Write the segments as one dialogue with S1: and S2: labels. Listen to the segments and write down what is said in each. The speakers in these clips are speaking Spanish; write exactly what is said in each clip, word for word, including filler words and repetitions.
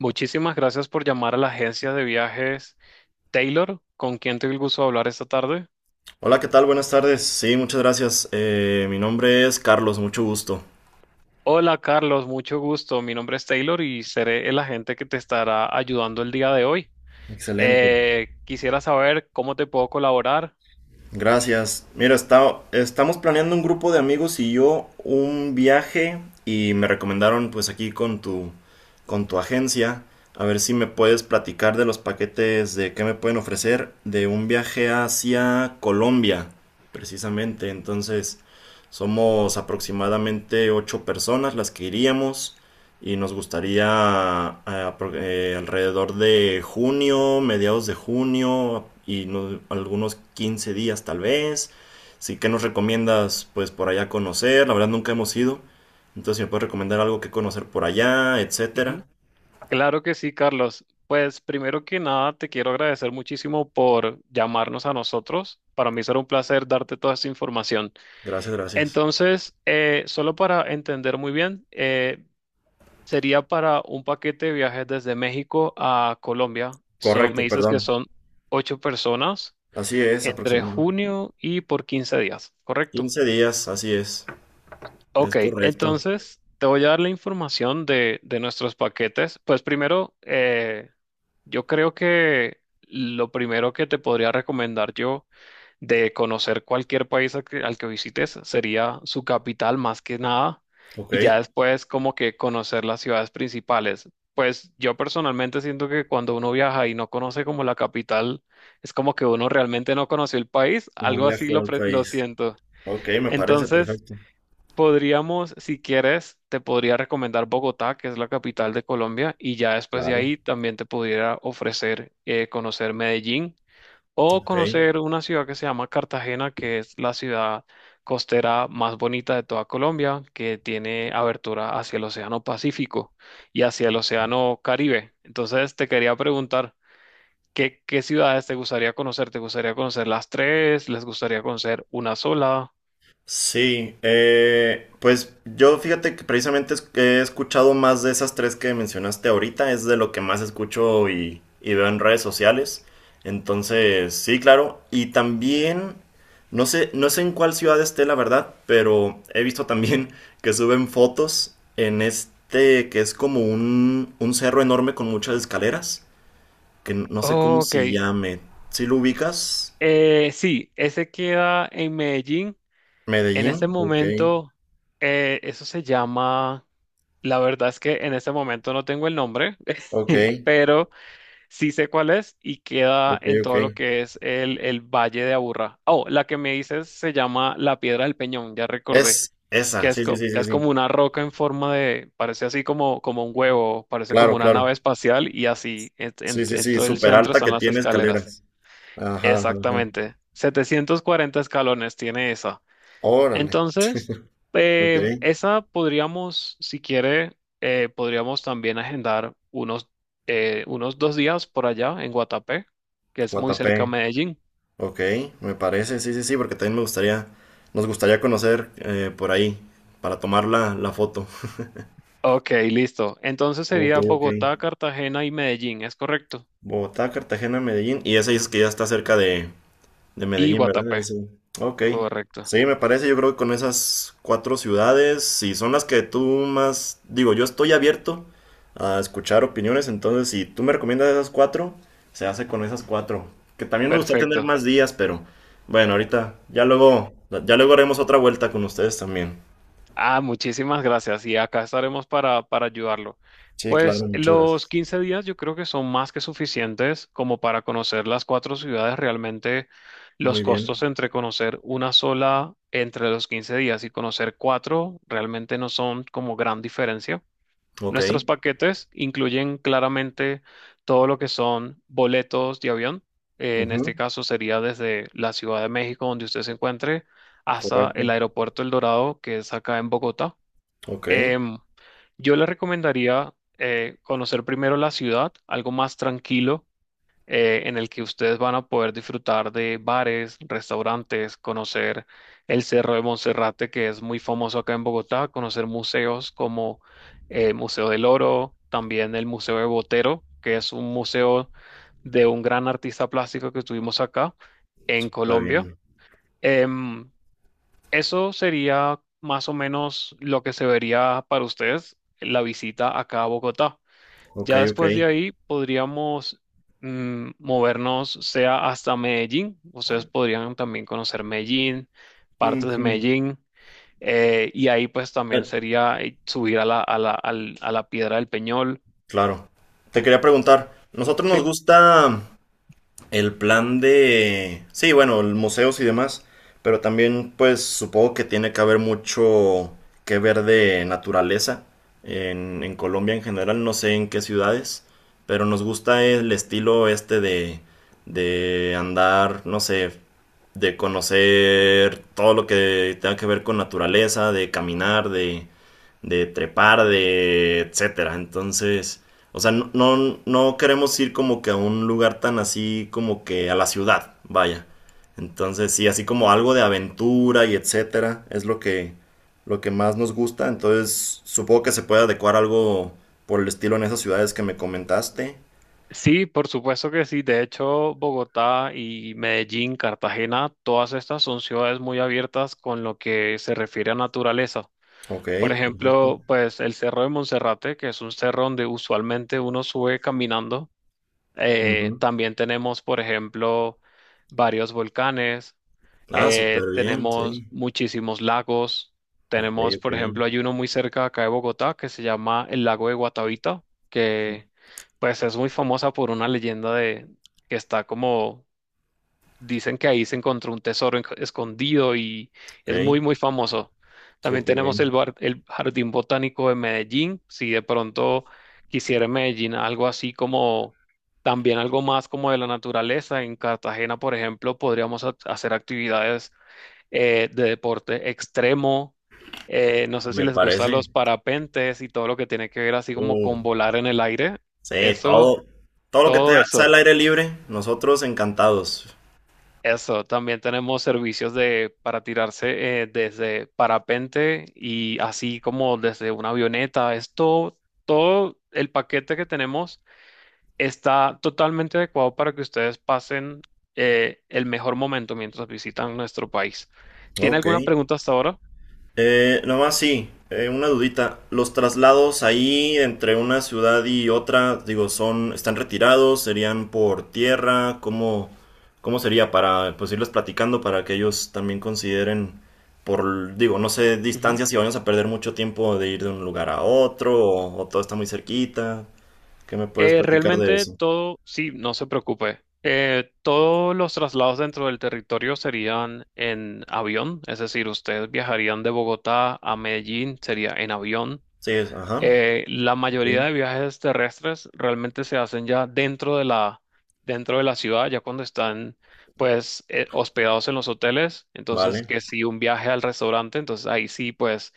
S1: Muchísimas gracias por llamar a la agencia de viajes Taylor, con quien tengo el gusto de hablar esta tarde.
S2: Hola, ¿qué tal? Buenas tardes. Sí, muchas gracias. Eh, mi nombre es Carlos, mucho gusto.
S1: Hola Carlos, mucho gusto. Mi nombre es Taylor y seré el agente que te estará ayudando el día de hoy.
S2: Excelente.
S1: Eh, quisiera saber cómo te puedo colaborar.
S2: Gracias. Mira, está- estamos planeando un grupo de amigos y yo un viaje y me recomendaron pues aquí con tu, con tu agencia, a ver si me puedes platicar de los paquetes de qué me pueden ofrecer de un viaje hacia Colombia, precisamente. Entonces, somos aproximadamente ocho personas las que iríamos. Y nos gustaría eh, eh, alrededor de junio, mediados de junio y no- algunos quince días tal vez. Sí, ¿qué nos recomiendas pues por allá conocer? La verdad nunca hemos ido. Entonces, si me puedes recomendar algo que conocer por allá,
S1: Ujú.
S2: etcétera.
S1: Claro que sí, Carlos. Pues primero que nada, te quiero agradecer muchísimo por llamarnos a nosotros. Para mí será un placer darte toda esta información.
S2: Gracias, gracias.
S1: Entonces, eh, solo para entender muy bien, eh, sería para un paquete de viajes desde México a Colombia. So-
S2: Correcto,
S1: me dices
S2: perdón.
S1: que son ocho personas,
S2: Así es,
S1: entre
S2: aproximadamente.
S1: junio y por quince días, ¿correcto?
S2: Quince días, así es. Es
S1: Ok,
S2: correcto.
S1: entonces te voy a dar la información de, de nuestros paquetes. Pues primero, eh, yo creo que lo primero que te podría recomendar yo, de conocer cualquier país al que, al que visites, sería su capital más que nada,
S2: Ok.
S1: y ya después como que conocer las ciudades principales. Pues yo personalmente siento que cuando uno viaja y no conoce como la capital, es como que uno realmente no conoció el país,
S2: No
S1: algo así
S2: viajó
S1: lo,
S2: al
S1: pre- lo
S2: país.
S1: siento.
S2: Ok, me parece
S1: Entonces,
S2: perfecto.
S1: podríamos, si quieres, te podría recomendar Bogotá, que es la capital de Colombia, y ya después de
S2: Claro.
S1: ahí también te pudiera ofrecer eh, conocer Medellín o
S2: Ok.
S1: conocer una ciudad que se llama Cartagena, que es la ciudad costera más bonita de toda Colombia, que tiene abertura hacia el Océano Pacífico y hacia el Océano Caribe. Entonces, te quería preguntar, ¿qué, qué ciudades te gustaría conocer? ¿Te gustaría conocer las tres? ¿Les gustaría conocer una sola?
S2: Sí, eh, pues yo fíjate que precisamente es- he escuchado más de esas tres que mencionaste ahorita, es de lo que más escucho y, y veo en redes sociales. Entonces, sí, claro. Y también, no sé, no sé en cuál ciudad esté, la verdad, pero he visto también que suben fotos en este que es como un, un cerro enorme con muchas escaleras, que no sé cómo
S1: Ok,
S2: se llame. ¿Sí lo ubicas?
S1: Eh, sí, ese queda en Medellín. En este
S2: Medellín. Ok,
S1: momento, eh, eso se llama, la verdad es que en este momento no tengo el nombre,
S2: ok,
S1: pero sí sé cuál es y queda
S2: ok,
S1: en
S2: ok.
S1: todo lo que es el, el Valle de Aburrá. Oh, la que me dices se llama la Piedra del Peñón, ya recordé,
S2: Es
S1: que
S2: esa,
S1: es,
S2: sí, sí,
S1: co-
S2: sí, sí,
S1: es como
S2: sí.
S1: una roca en forma de, parece así como, como un huevo, parece como
S2: Claro,
S1: una
S2: claro.
S1: nave espacial y así, en en-
S2: Sí, sí,
S1: en
S2: sí,
S1: todo el
S2: súper
S1: centro
S2: alta
S1: están
S2: que
S1: las
S2: tiene
S1: escaleras.
S2: escaleras. Ajá, ajá, ajá.
S1: Exactamente. Setecientos cuarenta escalones tiene esa.
S2: Órale.
S1: Entonces,
S2: Ok,
S1: em, esa podríamos, si quiere, eh, podríamos también agendar unos, eh, unos dos días por allá en Guatapé, que es muy cerca a
S2: Guatapé.
S1: Medellín.
S2: Ok, me parece, sí, sí, sí, porque también me gustaría, nos gustaría conocer eh, por ahí para tomar la, la foto.
S1: Ok, listo. Entonces
S2: Ok,
S1: sería
S2: ok.
S1: Bogotá, Cartagena y Medellín, ¿es correcto?
S2: Bogotá, Cartagena, Medellín. Y esa dices que ya está cerca de, De
S1: Y
S2: Medellín, ¿verdad?
S1: Guatapé,
S2: Ese. Ok.
S1: correcto.
S2: Sí, me parece, yo creo que con esas cuatro ciudades, si son las que tú más, digo, yo estoy abierto a escuchar opiniones, entonces si tú me recomiendas esas cuatro, se hace con esas cuatro. Que también me gustaría tener
S1: Perfecto.
S2: más días, pero bueno, ahorita ya luego, ya luego haremos otra vuelta con ustedes también.
S1: Ah, muchísimas gracias. Y acá estaremos para, para ayudarlo.
S2: Sí, claro,
S1: Pues
S2: muchas
S1: los
S2: gracias.
S1: quince días yo creo que son más que suficientes como para conocer las cuatro ciudades. Realmente los
S2: Muy
S1: costos
S2: bien.
S1: entre conocer una sola entre los quince días y conocer cuatro realmente no son como gran diferencia.
S2: Ok.
S1: Nuestros paquetes incluyen claramente todo lo que son boletos de avión. Eh, en
S2: Ujú,
S1: este caso sería desde la Ciudad de México, donde usted se encuentre, hasta
S2: correcto.
S1: el aeropuerto El Dorado, que es acá en Bogotá.
S2: Ok.
S1: Em, yo le recomendaría eh, conocer primero la ciudad, algo más tranquilo, eh, en el que ustedes van a poder disfrutar de bares, restaurantes, conocer el Cerro de Monserrate, que es muy famoso acá en Bogotá, conocer museos como el Museo del Oro, también el Museo de Botero, que es un museo de un gran artista plástico que tuvimos acá en
S2: Súper
S1: Colombia.
S2: bien.
S1: Em, Eso sería más o menos lo que se vería para ustedes la visita acá a Bogotá.
S2: Ok,
S1: Ya
S2: ok.
S1: después de ahí podríamos mm, movernos, sea hasta Medellín. Ustedes podrían también conocer Medellín, partes de
S2: Ujú.
S1: Medellín. Eh, y ahí pues también sería eh, subir a la, a la, al- a la Piedra del Peñol.
S2: Claro. Te quería preguntar, nosotros
S1: Sí,
S2: nos gusta el plan de, sí, bueno, el museos y demás, pero también pues supongo que tiene que haber mucho que ver de naturaleza en, en Colombia en general, no sé en qué ciudades, pero nos gusta el estilo este de, de andar, no sé, de conocer todo lo que tenga que ver con naturaleza, de caminar, de, de trepar, de etcétera. Entonces. O sea, no, no, no queremos ir como que a un lugar tan así como que a la ciudad, vaya. Entonces, sí, así como algo de aventura y etcétera, es lo que, lo que más nos gusta. Entonces, supongo que se puede adecuar algo por el estilo en esas ciudades que me comentaste.
S1: sí, por supuesto que sí. De hecho, Bogotá y Medellín, Cartagena, todas estas son ciudades muy abiertas con lo que se refiere a naturaleza.
S2: Ok,
S1: Por
S2: perfecto.
S1: ejemplo, pues el Cerro de Monserrate, que es un cerro donde usualmente uno sube caminando. Eh,
S2: Ujú.
S1: también tenemos, por ejemplo, varios volcanes,
S2: Ah,
S1: eh,
S2: súper bien,
S1: tenemos
S2: sí.
S1: muchísimos lagos,
S2: Ok,
S1: tenemos,
S2: ok.
S1: por ejemplo, hay uno muy cerca de acá de Bogotá que se llama el lago de Guatavita, que pues es muy famosa por una leyenda de que está como, dicen que ahí se encontró un tesoro en- escondido y
S2: Ok,
S1: es muy, muy famoso. También
S2: súper
S1: tenemos
S2: bien.
S1: el, bar- el Jardín Botánico de Medellín. Si de pronto quisiera en Medellín algo así como, también algo más como de la naturaleza. En Cartagena, por ejemplo, podríamos ha- hacer actividades eh, de deporte extremo. Eh, no sé si
S2: Me
S1: les gustan
S2: parece.
S1: los parapentes y todo lo que tiene que ver así como
S2: Uh,
S1: con volar en el aire.
S2: sí,
S1: Eso,
S2: todo, todo lo que te-
S1: todo
S2: sea
S1: eso.
S2: al aire libre, nosotros encantados.
S1: Eso, también tenemos servicios de, para tirarse eh, desde parapente y así como desde una avioneta. Esto, todo el paquete que tenemos está totalmente adecuado para que ustedes pasen eh, el mejor momento mientras visitan nuestro país. ¿Tiene
S2: Ok.
S1: alguna pregunta hasta ahora?
S2: Eh, nomás sí, eh, una dudita. ¿Los traslados ahí entre una ciudad y otra, digo, son, están retirados, serían por tierra? ¿Cómo, cómo sería para, pues, irles platicando para que ellos también consideren por, digo, no sé, distancias si vamos a perder mucho tiempo de ir de un lugar a otro o, o todo está muy cerquita? ¿Qué me puedes
S1: Eh,
S2: platicar de
S1: realmente
S2: eso?
S1: todo, sí, no se preocupe. Eh, todos los traslados dentro del territorio serían en avión, es decir, ustedes viajarían de Bogotá a Medellín, sería en avión.
S2: Sí, es- ajá.
S1: Eh, la mayoría
S2: Ok.
S1: de viajes terrestres realmente se hacen ya dentro de la, dentro de la ciudad, ya cuando están pues eh, hospedados en los hoteles. Entonces,
S2: Vale.
S1: que si un viaje al restaurante, entonces ahí sí, pues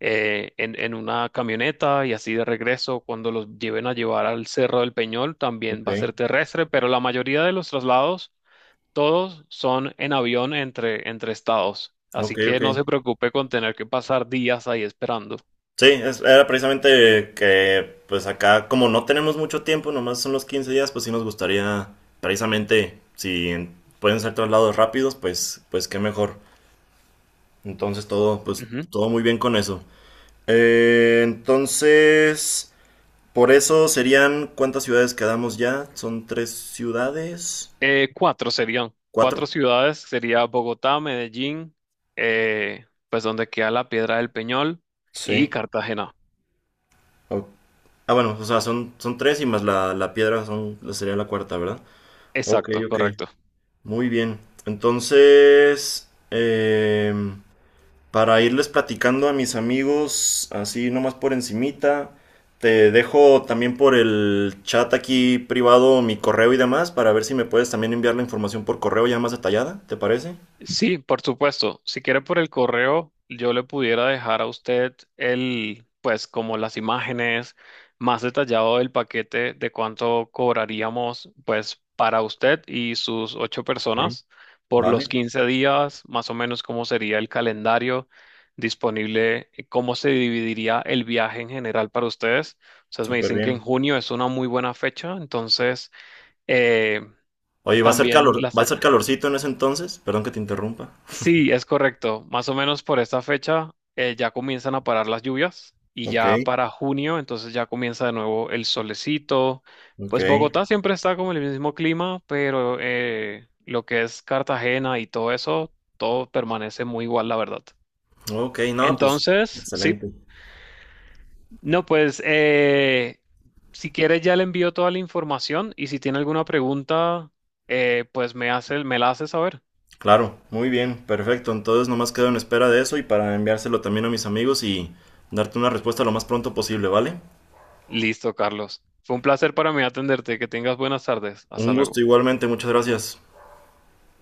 S1: eh, en, en una camioneta y así de regreso, cuando los lleven a llevar al Cerro del Peñol, también
S2: Ok.
S1: va a ser terrestre, pero la mayoría de los traslados, todos son en avión entre, entre estados. Así
S2: Ok,
S1: que
S2: ok.
S1: no se preocupe con tener que pasar días ahí esperando.
S2: Sí, es- era precisamente que pues acá como no tenemos mucho tiempo, nomás son los quince días, pues sí nos gustaría precisamente si en- pueden ser traslados rápidos, pues pues qué mejor. Entonces todo pues todo muy bien con eso. Eh, entonces, por eso serían ¿cuántas ciudades quedamos ya? Son tres ciudades,
S1: Eh, cuatro serían,
S2: cuatro.
S1: Cuatro ciudades, sería Bogotá, Medellín, eh, pues donde queda la Piedra del Peñol y
S2: Sí.
S1: Cartagena.
S2: O- Ah, bueno, o sea, son, son tres y más la, la piedra son, sería la cuarta, ¿verdad? Ok,
S1: Exacto,
S2: ok.
S1: correcto.
S2: Muy bien. Entonces, eh, para irles platicando a mis amigos, así nomás por encimita, te dejo también por el chat aquí privado mi correo y demás para ver si me puedes también enviar la información por correo ya más detallada, ¿te parece?
S1: Sí, por supuesto. Si quiere por el correo, yo le pudiera dejar a usted el, pues como las imágenes más detallado del paquete de cuánto cobraríamos, pues para usted y sus ocho
S2: Ok,
S1: personas por los
S2: vale,
S1: quince días, más o menos cómo sería el calendario disponible, eh, cómo se dividiría el viaje en general para ustedes. Ustedes me
S2: súper
S1: dicen que en
S2: bien.
S1: junio es una muy buena fecha, entonces eh,
S2: Oye, ¿va a ser
S1: también
S2: calor,
S1: la...
S2: va a
S1: cer-
S2: ser calorcito en ese entonces? Perdón que te interrumpa.
S1: sí, es correcto. Más o menos por esta fecha eh, ya comienzan a parar las lluvias y
S2: Ok,
S1: ya para junio, entonces ya comienza de nuevo el solecito.
S2: ok.
S1: Pues Bogotá siempre está como en el mismo clima, pero eh, lo que es Cartagena y todo eso, todo permanece muy igual, la verdad.
S2: Ok, no, pues
S1: Entonces, sí,
S2: excelente.
S1: no, pues eh, si quieres ya le envío toda la información y si tiene alguna pregunta, eh, pues me hace, me la hace saber.
S2: Claro, muy bien, perfecto. Entonces nomás quedo en espera de eso y para enviárselo también a mis amigos y darte una respuesta lo más pronto posible, ¿vale?
S1: Listo, Carlos. Fue un placer para mí atenderte. Que tengas buenas tardes. Hasta
S2: Un gusto
S1: luego.
S2: igualmente, muchas gracias.